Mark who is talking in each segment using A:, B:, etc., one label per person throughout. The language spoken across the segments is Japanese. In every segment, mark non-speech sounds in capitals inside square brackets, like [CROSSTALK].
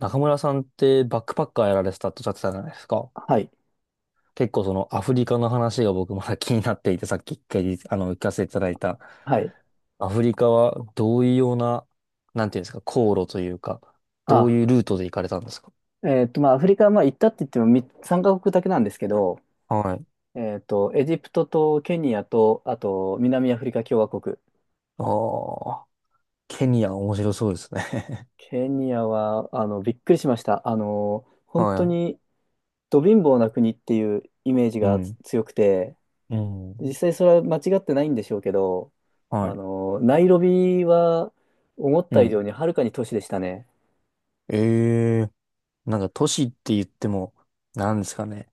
A: 中村さんってバックパッカーやられてたっておっしゃってたじゃないですか。
B: はい。
A: 結構そのアフリカの話が僕まだ気になっていて、さっき一回聞かせていただいた。
B: はい。
A: アフリカはどういうような、なんていうんですか、航路というか、どう
B: あ、
A: いうルートで行かれたんですか？
B: まあ、アフリカはまあ行ったって言っても3カ国だけなんですけど、
A: はい。
B: エジプトとケニアと、あと、南アフリカ共和国。
A: ああ、ケニア面白そうですね。
B: ケニアは、びっくりしました。
A: [LAUGHS]
B: 本当
A: は
B: に、ど貧乏な国っていうイメージ
A: い。う
B: が
A: ん。
B: 強くて、
A: う
B: 実
A: ん。
B: 際それは間違ってないんでしょうけど、
A: はい。
B: ナイロビは、思っ
A: う
B: た以上
A: ん。
B: にはるかに都市でしたね。
A: ええ、なんか都市って言っても、なんですかね。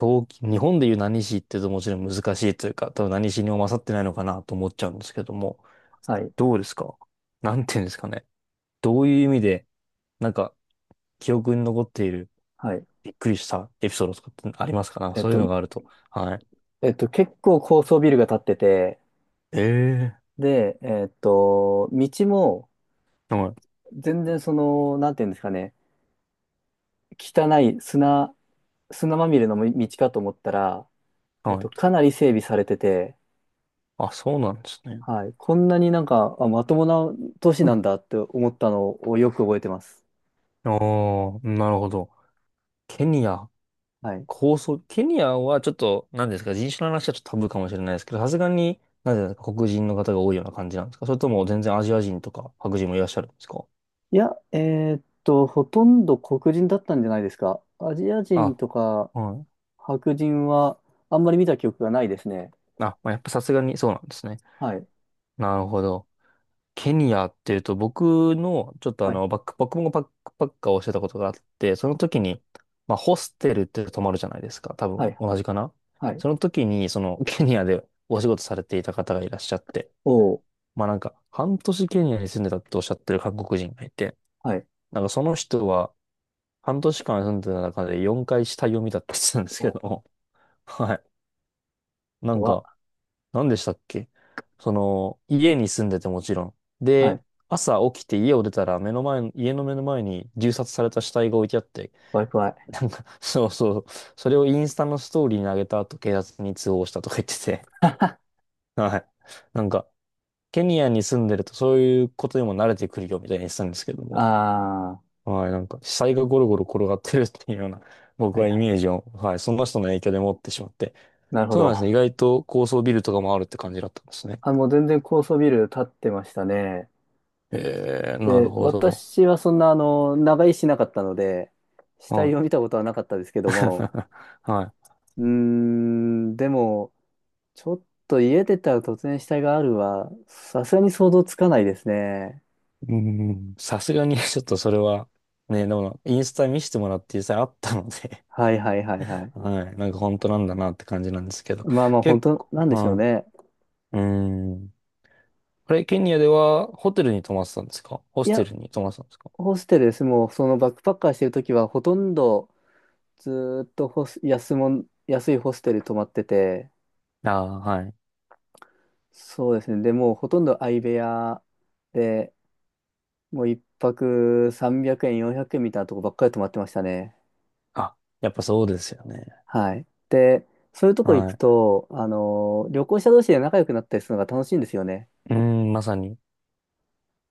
A: 東京、日本でいう何市って言うともちろん難しいというか、多分何市にも勝ってないのかなと思っちゃうんですけども、
B: はい。
A: どうですか？なんていうんですかね。どういう意味で、なんか、記憶に残っている、
B: はい。
A: びっくりしたエピソードとかってありますか？なんか
B: えっ
A: そういう
B: と、
A: のがあると。はい。
B: 結構高層ビルが建ってて、
A: ええ
B: で、道も
A: ー、はい。
B: 全然なんていうんですかね、汚い砂、砂まみれの道かと思ったら、
A: はい。
B: かなり整備されてて、
A: あ、そうなんですね。
B: はい、こんなになんか、あ、まともな都市
A: う
B: な
A: ん。
B: んだって思ったのをよく覚えてます。
A: ああ、なるほど。ケニア。
B: はい。
A: 構想、ケニアはちょっと、何ですか、人種の話はちょっとタブーかもしれないですけど、さすがに、なんていうんですか、黒人の方が多いような感じなんですか？それとも全然アジア人とか白人もいらっしゃるんですか？
B: いや、ほとんど黒人だったんじゃないですか。アジア人
A: あ、
B: とか
A: はい。
B: 白人はあんまり見た記憶がないですね。
A: あ、まあ、やっぱさすがにそうなんですね。
B: はい。
A: なるほど。ケニアっていうと、僕の、ちょっとあ
B: はい。
A: の、バック、僕もバックパッカーをしてたことがあって、その時に、まあ、ホステルって泊まるじゃないですか。多
B: は
A: 分、
B: い。
A: 同じかな？
B: はい。
A: その時に、その、ケニアでお仕事されていた方がいらっしゃって、
B: おー
A: まあなんか、半年ケニアに住んでたっておっしゃってる韓国人がいて、
B: はい。
A: なんかその人は、半年間住んでた中で4回死体を見たって言ってたんですけ
B: お、
A: ども、[LAUGHS] はい。なん
B: 怖っ。
A: か、何でしたっけ？その、家に住んでてもちろん。
B: は
A: で、
B: い。
A: 朝起きて家を出たら目の前の、家の目の前に銃殺された死体が置いてあって、
B: 怖い怖い。
A: なんか、[LAUGHS] そうそう、それをインスタのストーリーに上げた後、警察に通報したとか言ってて、はい。なんか、ケニアに住んでるとそういうことにも慣れてくるよみたいに言ってたんですけども、
B: ああ、
A: はい、なんか、死体がゴロゴロ転がってるっていうような、
B: は
A: 僕
B: い
A: はイ
B: はい。
A: メージを、はい、その人の影響で持ってしまって。
B: なるほ
A: そうなんです
B: ど。
A: ね。意外と高層ビルとかもあるって感じだったんですね。
B: あ、もう全然高層ビル建ってましたね。
A: えー、なる
B: で、
A: ほど。
B: 私はそんな、長居しなかったので、死
A: は
B: 体
A: い。
B: を見たことはなかったですけども、
A: [LAUGHS] は
B: うーん、でも、ちょっと家出たら突然死体があるは、さすがに想像つかないですね。
A: い。うん、さすがに [LAUGHS] ちょっとそれは、ね、でも、インスタ見せてもらって実際あったので
B: はいはいはいはい。
A: [LAUGHS] はい、なんか本当なんだなって感じなんですけど。
B: まあまあ、本
A: 結
B: 当
A: 構、
B: なんでしょう
A: は
B: ね。
A: い。うん。これ、ケニアではホテルに泊まってたんですか？ホ
B: い
A: ステ
B: や、
A: ルに泊まってたんですか？
B: ホステルです。もう、そのバックパッカーしてるときは、ほとんど、ずーっとホス、安もん、安いホステル泊まってて、
A: ああー、はい。
B: そうですね。でもうほとんど相部屋で、もう一泊300円、400円みたいなとこばっかり泊まってましたね。
A: あ、やっぱそうですよね。
B: はい。で、そういうとこ行く
A: は
B: と、旅行者同士で仲良くなったりするのが楽しいんですよね。
A: い。うん、まさに。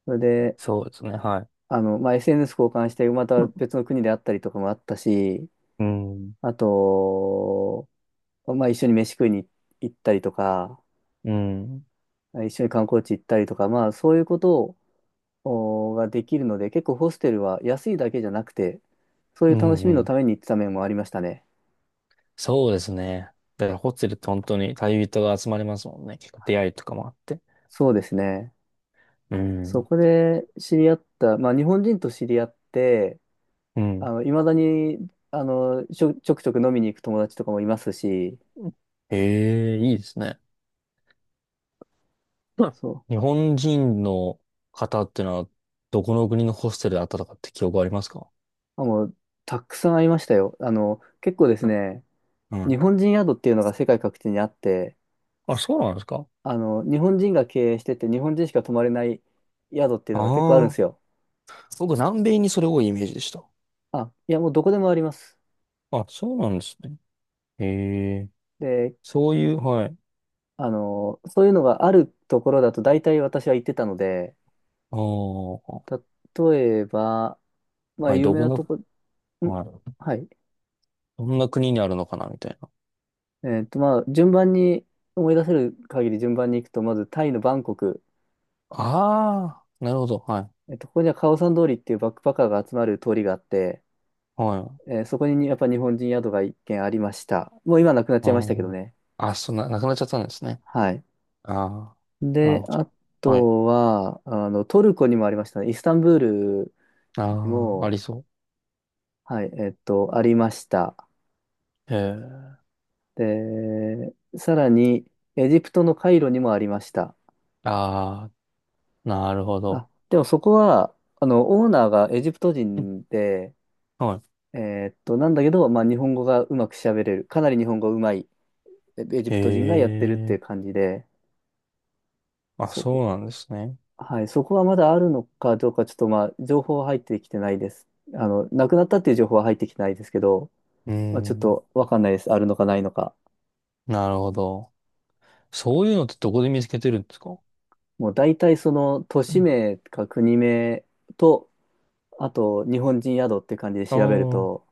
B: それで、
A: そうですね。はい。
B: まあ、SNS 交換して、また別の国であったりとかもあったし、
A: うん。
B: あと、まあ、一緒に飯食いに行ったりとか、
A: うん。
B: 一緒に観光地行ったりとか、まあ、そういうことをができるので、結構ホステルは安いだけじゃなくて、そうい
A: う
B: う楽
A: ん。
B: し
A: う
B: みの
A: ん、
B: ために行ってた面もありましたね。
A: そうですね。だからホテルって本当に旅人が集まりますもんね。結構出会いとかもあって。
B: そうですね。
A: う
B: そ
A: ん。
B: こで知り合った、まあ日本人と知り合って、
A: うん。
B: いまだに、ちょくちょく飲みに行く友達とかもいますし、
A: ええ、いいですね。[LAUGHS] うん、
B: そ
A: 日本人の方ってのは、どこの国のホステルで会ったとかって記憶ありますか？
B: う、あ、もう、たくさん会いましたよ。結構ですね、
A: う
B: 日
A: ん。
B: 本人宿っていうのが世界各地にあって、
A: あ、そうなんですか？
B: 日本人が経営してて、日本人しか泊まれない宿っていうのが結構あるんで
A: ああ
B: すよ。
A: ー。僕、南米にそれ多いイメージでした。
B: あ、いや、もうどこでもあります。
A: あ、そうなんですね。へ、
B: で、
A: そういう、はい。
B: そういうのがあるところだと大体私は行ってたので、
A: ああ、
B: 例えば、まあ
A: はい、
B: 有
A: ど
B: 名
A: こ
B: な
A: の、
B: とこ、ん
A: はい。
B: はい。
A: どんな国にあるのかな、みたいな。
B: まあ順番に、思い出せる限り順番に行くと、まずタイのバンコク、
A: ああ、なるほど、はい。
B: ここにはカオサン通りっていうバックパッカーが集まる通りがあって、
A: はい。
B: そこにやっぱ日本人宿が一軒ありました。もう今なくなっち
A: あ
B: ゃいましたけどね。
A: あ。あ、そんな、なくなっちゃったんですね。
B: はい。
A: ああ、なる
B: で、
A: ほ
B: あ
A: ど。はい。
B: とは、トルコにもありましたね。イスタンブールに
A: ああ、あ
B: も、
A: りそ
B: はい、ありました。
A: う。へえ。
B: で、さらに、エジプトのカイロにもありました。
A: ああ、なるほど。
B: あ、でもそこは、オーナーがエジプト
A: うん、
B: 人で、
A: は
B: なんだけど、まあ、日本語がうまく喋れる。かなり日本語うまいエジ
A: い。へ
B: プト人がやってるっていう
A: え。
B: 感じで、
A: あ、
B: そ
A: そ
B: こ、
A: うなんですね。
B: はい、そこはまだあるのかどうか、ちょっとまあ、情報は入ってきてないです。なくなったっていう情報は入ってきてないですけど、
A: うー
B: まあ、ちょっ
A: ん。
B: とわかんないです。あるのかないのか。
A: なるほど。そういうのってどこで見つけてるんですか？
B: もう大体その都
A: う
B: 市
A: ん、
B: 名か国名とあと、日本人宿って感じで
A: ああ
B: 調べる
A: ー、
B: と、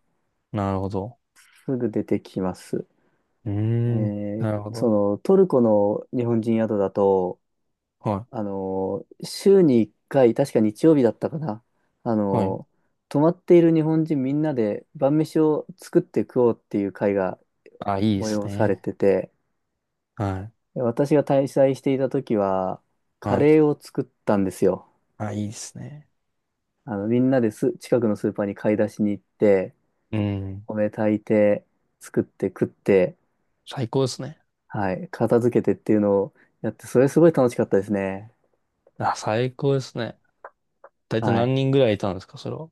A: なるほど。
B: すぐ出てきます。
A: うー
B: え
A: ん。なるほど。
B: トルコの日本人宿だと、
A: は
B: 週に1回、確か日曜日だったかな。あ
A: い。は
B: の、
A: い。
B: 泊まっている日本人みんなで晩飯を作って食おうっていう会が
A: あ、いいです
B: 催され
A: ね。
B: てて、
A: はい。
B: 私が滞在していた時は、カ
A: はい。
B: レーを作ったんですよ。
A: あ、いいですね。
B: みんなです、近くのスーパーに買い出しに行って、
A: うん。
B: お米炊いて、作って食って、
A: 最高ですね。
B: はい、片付けてっていうのをやって、それすごい楽しかったですね。
A: あ、最高ですね。大体
B: は
A: 何
B: い。
A: 人ぐらいいたんですか、それは。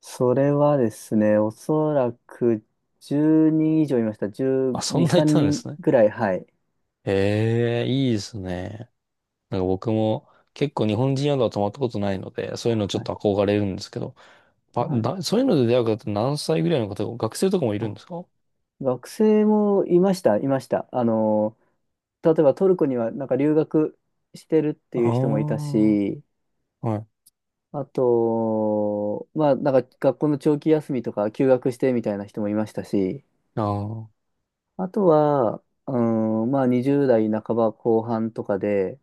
B: それはですね、おそらく10人以上いました。
A: あ、そん
B: 12、
A: ない
B: 3
A: たんで
B: 人
A: すね。
B: ぐらい、はい。
A: ええ、いいですね。なんか僕も結構日本人宿は泊まったことないので、そういうのち
B: は
A: ょっ
B: い。
A: と憧れるんですけど、ば
B: はい。
A: だ、そういうので出会う方って何歳ぐらいの方が、学生とかもいるん
B: あ、
A: ですか？
B: 学生もいました、いました。例えばトルコにはなんか留学してるって
A: ああ
B: いう人もいたし、
A: ー、はい。
B: あと、まあ、なんか学校の長期休みとか休学してみたいな人もいましたし、
A: ああ、
B: あとは、うん、まあ20代半ば後半とかで、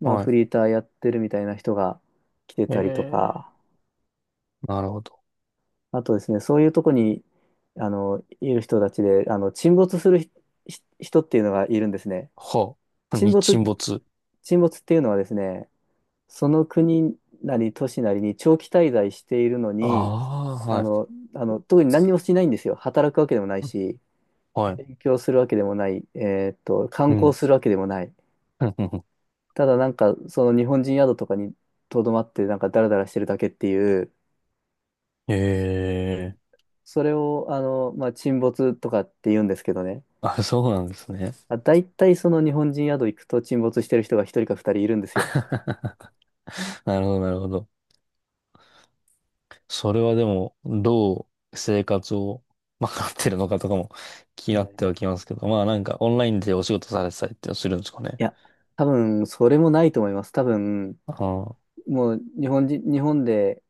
B: まあ
A: は
B: フリーターやってるみたいな人が来て
A: い。え
B: たりと
A: え、
B: か、
A: なるほど。
B: あとですね、そういうとこに、いる人たちで、沈没するひ人っていうのがいるんですね。
A: はあ。[LAUGHS]
B: 沈
A: 日
B: 没っ
A: 沈
B: て、
A: 没。
B: 沈没っていうのはですね、その国なり都市なりに長期滞在しているの
A: あ
B: に、
A: あ、
B: あ
A: は
B: の、
A: い。
B: 特に何にもしないんですよ。働くわけでもないし、
A: はい。
B: 勉強するわけでもない、観
A: うん。
B: 光するわけでもない。
A: [LAUGHS]
B: ただなんか、その日本人宿とかにとどまって、なんかダラダラしてるだけっていう、
A: ええ、
B: それを、まあ、沈没とかって言うんですけどね。
A: あ、そうなんですね。
B: あ、大体その日本人宿行くと沈没してる人が一人か二人いるんですよ。
A: [LAUGHS] なるほど、なるほど。それはでも、どう生活を賄ってるのかとかも [LAUGHS] 気になって
B: ね
A: はきますけど、まあなんかオンラインでお仕事されてたりってするんですかね。
B: いや、多分、それもないと思います。多分、
A: ああ、
B: もう日本で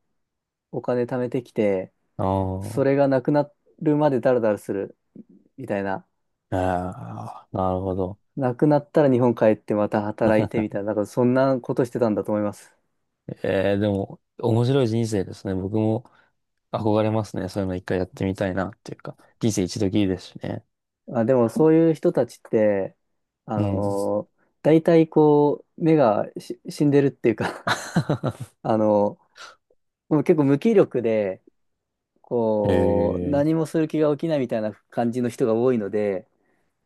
B: お金貯めてきて、そ
A: あ
B: れがなくなるまでダラダラするみたいな。
A: あ、ああ、なるほど。
B: なくなったら日本帰ってまた働いてみ
A: [LAUGHS]
B: たいな、なんかそんなことしてたんだと思います。
A: ええでも、面白い人生ですね。僕も憧れますね。そういうの一回やってみたいなっていうか、人生一度きりですしね。
B: あ、でもそういう人たちって、
A: うん。
B: 大体こう、目が死んでるっていうか
A: [LAUGHS]
B: [LAUGHS] あのもう結構無気力で、こう、
A: え
B: 何
A: え、
B: もする気が起きないみたいな感じの人が多いので、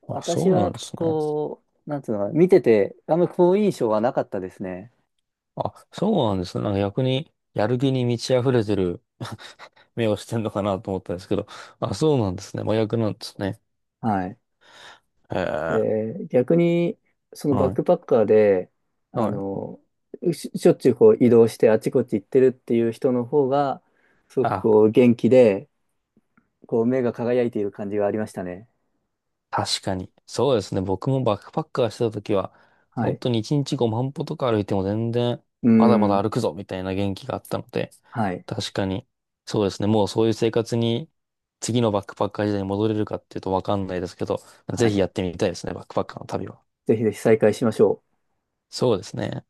A: あ、
B: 私
A: そうな
B: は
A: んですね。
B: こう、なんつうのかな、見てて、あんまり好印象はなかったですね。
A: あ、そうなんですね。なんか逆に、やる気に満ち溢れてる [LAUGHS] 目をしてんのかなと思ったんですけど、あ、そうなんですね。真逆なんですね。
B: はい。
A: へえ、
B: で、逆に、そのバッ
A: は
B: ク
A: い。
B: パッカーで、あ
A: はい。
B: のしょっちゅうこう移動してあちこち行ってるっていう人の方が、すごく
A: あ、
B: こう元気で、こう、目が輝いている感じがありましたね。
A: 確かに。そうですね。僕もバックパッカーしてた時は、
B: は
A: 本
B: い。
A: 当に1日5万歩とか歩いても全然、
B: うー
A: まだまだ
B: ん。
A: 歩くぞみたいな元気があったので、
B: はい。
A: 確かに、そうですね。もうそういう生活に、次のバックパッカー時代に戻れるかっていうとわかんないですけど、
B: は
A: ぜひ
B: い。
A: やってみたいですね。バックパッカーの旅は。
B: ぜひぜひ再開しましょう。
A: そうですね。